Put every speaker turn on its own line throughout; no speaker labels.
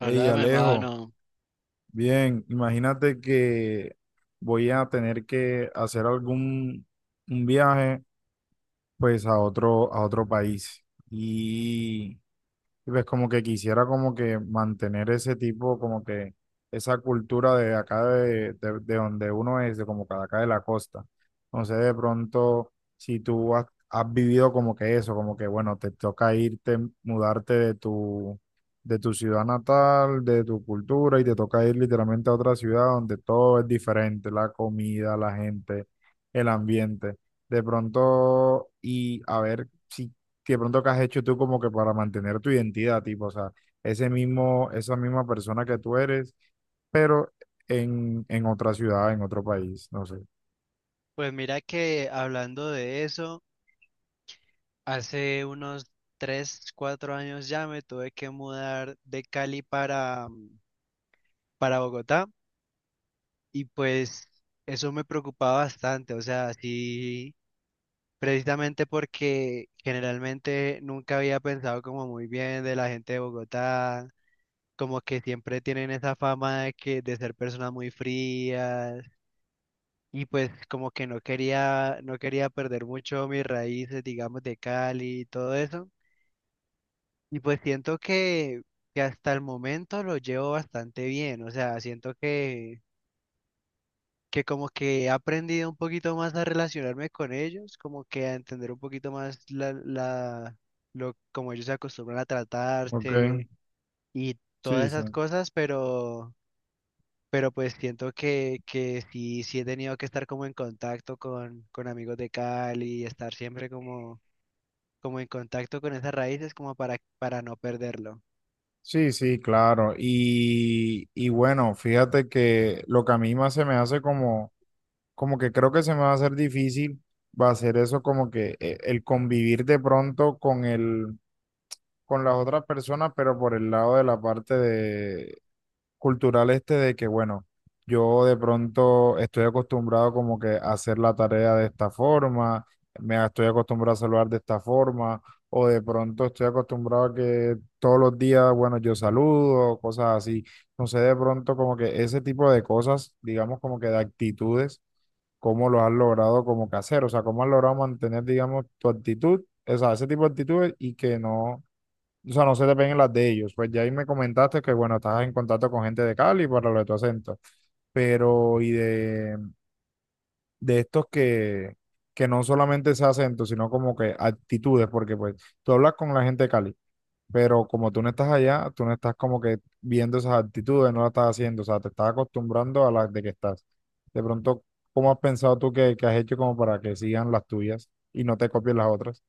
Hey,
Hola,
Alejo,
mano.
bien, imagínate que voy a tener que hacer algún un viaje pues a otro país y y pues como que quisiera como que mantener ese tipo, como que esa cultura de acá de donde uno es, de como que de acá de la costa. Entonces de pronto, si tú has vivido como que eso, como que bueno, te toca irte, mudarte de tu ciudad natal, de tu cultura, y te toca ir literalmente a otra ciudad donde todo es diferente, la comida, la gente, el ambiente. De pronto, y a ver si que de pronto que has hecho tú como que para mantener tu identidad, tipo, o sea, ese mismo, esa misma persona que tú eres, pero en otra ciudad, en otro país, no sé.
Pues mira que hablando de eso, hace unos 3 4 años ya me tuve que mudar de Cali para Bogotá. Y pues eso me preocupaba bastante, o sea, sí, precisamente porque generalmente nunca había pensado como muy bien de la gente de Bogotá, como que siempre tienen esa fama de ser personas muy frías. Y pues como que no quería perder mucho mis raíces, digamos, de Cali y todo eso. Y pues siento que hasta el momento lo llevo bastante bien. O sea, siento que como que he aprendido un poquito más a relacionarme con ellos, como que a entender un poquito más como ellos se acostumbran a
Ok,
tratarse y todas
sí, sí.
esas cosas, Pero pues siento que sí, sí he tenido que estar como en contacto con amigos de Cali, estar siempre como en contacto con esas raíces como para no perderlo.
Sí, sí, claro. Y, bueno, fíjate que lo que a mí más se me hace como que creo que se me va a hacer difícil, va a ser eso como que el convivir de pronto con las otras personas, pero por el lado de la parte de cultural este de que, bueno, yo de pronto estoy acostumbrado como que a hacer la tarea de esta forma, me estoy acostumbrado a saludar de esta forma, o de pronto estoy acostumbrado a que todos los días, bueno, yo saludo, cosas así. No sé, de pronto como que ese tipo de cosas, digamos como que de actitudes, cómo lo has logrado como que hacer, o sea, cómo has logrado mantener, digamos, tu actitud, o sea, ese tipo de actitudes y que no o sea, no se te peguen las de ellos. Pues ya ahí me comentaste que, bueno, estás en contacto con gente de Cali para lo de tu acento. Pero, y de, de estos que no solamente es acento, sino como que actitudes, porque pues tú hablas con la gente de Cali, pero como tú no estás allá, tú no estás como que viendo esas actitudes, no las estás haciendo, o sea, te estás acostumbrando a las de que estás. De pronto, ¿cómo has pensado tú que has hecho como para que sigan las tuyas y no te copien las otras?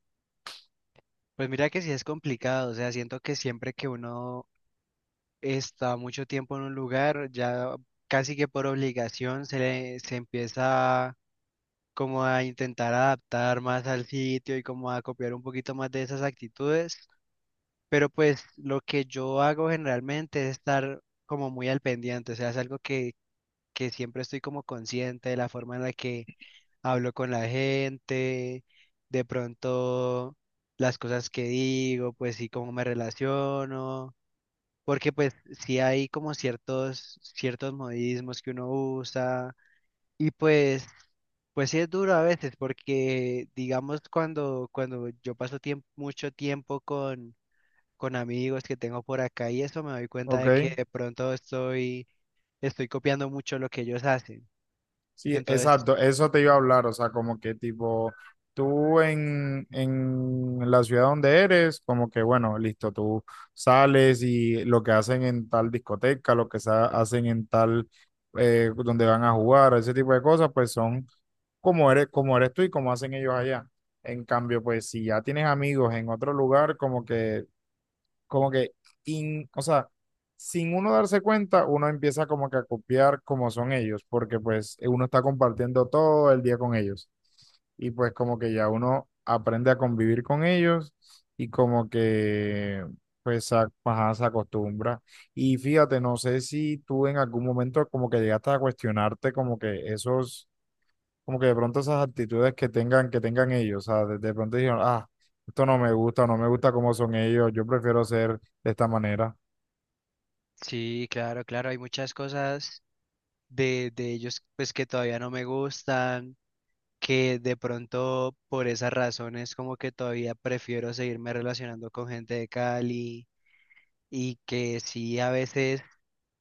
Pues mira que sí es complicado, o sea, siento que siempre que uno está mucho tiempo en un lugar, ya casi que por obligación se empieza como a intentar adaptar más al sitio y como a copiar un poquito más de esas actitudes. Pero pues lo que yo hago generalmente es estar como muy al pendiente, o sea, es algo que siempre estoy como consciente de la forma en la que hablo con la gente, de pronto las cosas que digo, pues sí, cómo me relaciono, porque pues sí hay como ciertos modismos que uno usa y pues... Pues sí es duro a veces porque digamos cuando yo paso mucho tiempo con amigos que tengo por acá y eso me doy cuenta
¿Ok?
de que de pronto estoy, copiando mucho lo que ellos hacen.
Sí,
Entonces,
exacto, eso te iba a hablar, o sea, como que tipo, tú en la ciudad donde eres, como que bueno, listo, tú sales y lo que hacen en tal discoteca, lo que hacen en tal, donde van a jugar, ese tipo de cosas, pues son como eres tú y como hacen ellos allá. En cambio, pues si ya tienes amigos en otro lugar, como que, o sea, sin uno darse cuenta, uno empieza como que a copiar como son ellos, porque pues uno está compartiendo todo el día con ellos. Y pues como que ya uno aprende a convivir con ellos y como que pues ajá, se acostumbra. Y fíjate, no sé si tú en algún momento como que llegaste a cuestionarte como que esos como que de pronto esas actitudes que tengan ellos, o sea, de pronto dijeron, ah, esto no me gusta, no me gusta cómo son ellos, yo prefiero ser de esta manera.
sí, claro, claro, hay muchas cosas de ellos pues que todavía no me gustan, que de pronto por esas razones como que todavía prefiero seguirme relacionando con gente de Cali y que sí a veces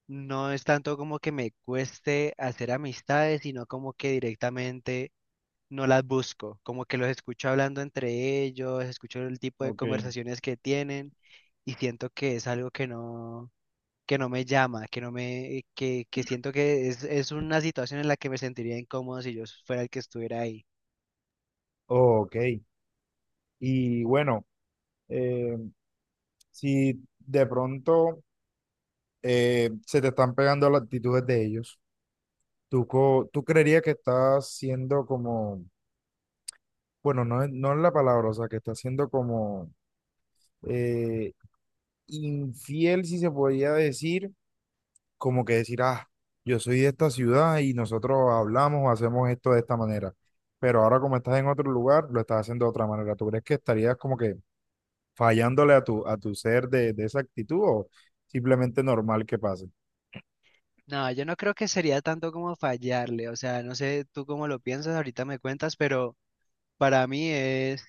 no es tanto como que me cueste hacer amistades, sino como que directamente no las busco, como que los escucho hablando entre ellos, escucho el tipo de
Ok,
conversaciones que tienen y siento que es algo que no me llama, que no me, que siento que es una situación en la que me sentiría incómodo si yo fuera el que estuviera ahí.
ok. Y bueno, eh, si de pronto se te están pegando las actitudes de ellos, ¿tú creerías que estás siendo como, bueno, no es, no es la palabra, o sea, que estás siendo como eh, infiel, si se podría decir, como que decir, ah, yo soy de esta ciudad y nosotros hablamos o hacemos esto de esta manera. Pero ahora como estás en otro lugar, lo estás haciendo de otra manera. ¿Tú crees que estarías como que fallándole a tu ser de esa actitud o simplemente normal que pase?
No, yo no creo que sería tanto como fallarle, o sea, no sé tú cómo lo piensas, ahorita me cuentas, pero para mí es,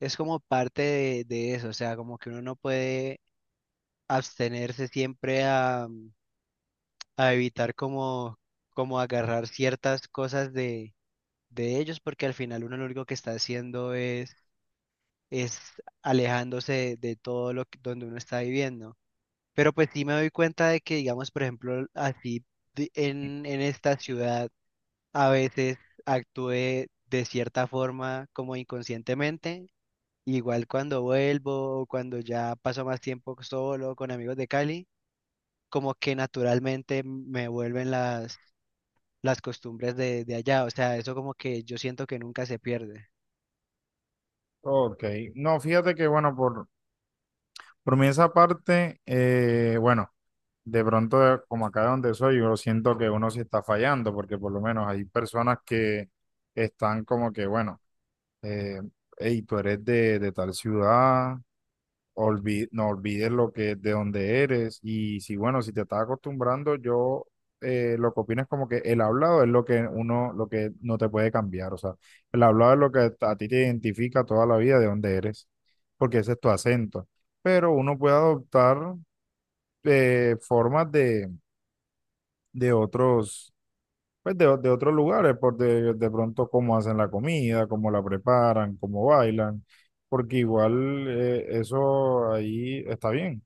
es como parte de eso, o sea, como que uno no puede abstenerse siempre a evitar como agarrar ciertas cosas de ellos, porque al final uno lo único que está haciendo es alejándose de todo lo donde uno está viviendo. Pero pues sí me doy cuenta de que, digamos, por ejemplo, así en esta ciudad a veces actúe de cierta forma como inconscientemente. Igual cuando vuelvo o cuando ya paso más tiempo solo con amigos de Cali, como que naturalmente me vuelven las costumbres de allá, o sea, eso como que yo siento que nunca se pierde.
Ok, no, fíjate que bueno, por mí esa parte, bueno, de pronto como acá donde soy, yo siento que uno sí está fallando porque por lo menos hay personas que están como que, bueno, eh, hey, tú eres de tal ciudad no olvides lo que de dónde eres y si bueno, si te estás acostumbrando, yo lo que opino es como que el hablado es lo que uno, lo que no te puede cambiar, o sea, el hablado es lo que a ti te identifica toda la vida de dónde eres, porque ese es tu acento, pero uno puede adoptar formas de otros, pues de otros lugares, de pronto cómo hacen la comida, cómo la preparan, cómo bailan, porque igual eso ahí está bien.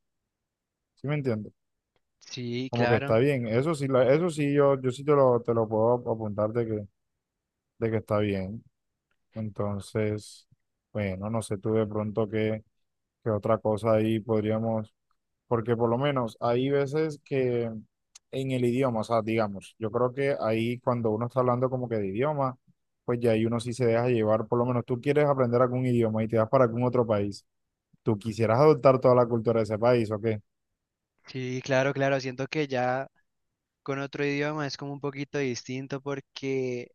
¿Sí me entiendes?
Sí,
Como que está
claro,
bien. Eso sí, eso sí, yo sí te lo puedo apuntar de que está bien. Entonces, bueno, no sé tú de pronto qué, qué otra cosa ahí podríamos, porque por lo menos hay veces que en el idioma, o sea, digamos, yo creo que ahí cuando uno está hablando como que de idioma, pues ya ahí uno sí se deja llevar, por lo menos tú quieres aprender algún idioma y te vas para algún otro país. ¿Tú quisieras adoptar toda la cultura de ese país o qué?
sí, claro, claro, siento que ya con otro idioma es como un poquito distinto porque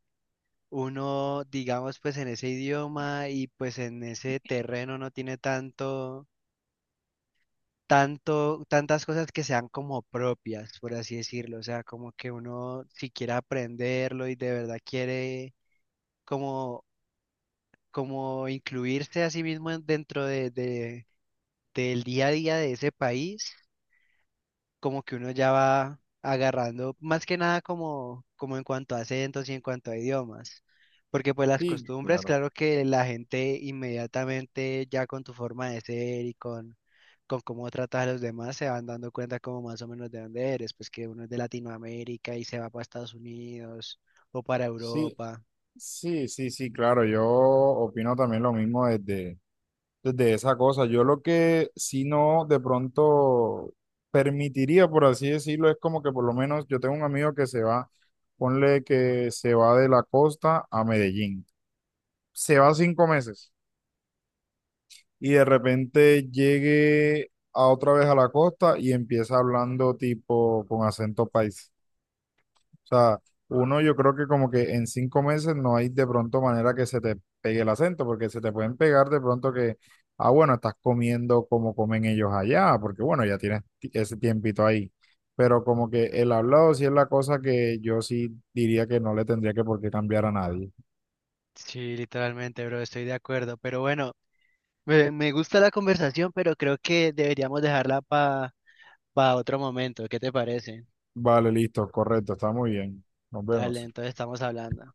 uno, digamos, pues en ese idioma y pues en ese terreno no tiene tantas cosas que sean como propias, por así decirlo, o sea, como que uno si quiere aprenderlo y de verdad quiere como, como incluirse a sí mismo dentro del día a día de ese país, como que uno ya va agarrando, más que nada como en cuanto a acentos y en cuanto a idiomas. Porque pues las
Sí,
costumbres,
claro.
claro que la gente inmediatamente ya con tu forma de ser y con cómo tratas a los demás se van dando cuenta como más o menos de dónde eres, pues que uno es de Latinoamérica y se va para Estados Unidos o para
Sí,
Europa.
sí, sí, sí, claro, yo opino también lo mismo desde, desde esa cosa. Yo lo que si no de pronto permitiría, por así decirlo, es como que por lo menos yo tengo un amigo que se va, ponle que se va de la costa a Medellín, se va 5 meses y de repente llegue a otra vez a la costa y empieza hablando tipo con acento paisa. O sea, uno yo creo que como que en 5 meses no hay de pronto manera que se te pegue el acento, porque se te pueden pegar de pronto que, ah, bueno, estás comiendo como comen ellos allá, porque bueno, ya tienes ese tiempito ahí. Pero como que el hablado sí es la cosa que yo sí diría que no le tendría que por qué cambiar a nadie.
Sí, literalmente, bro, estoy de acuerdo. Pero bueno, me gusta la conversación, pero creo que deberíamos dejarla para otro momento, ¿qué te parece?
Vale, listo, correcto, está muy bien. Nos
Dale,
vemos.
entonces estamos hablando.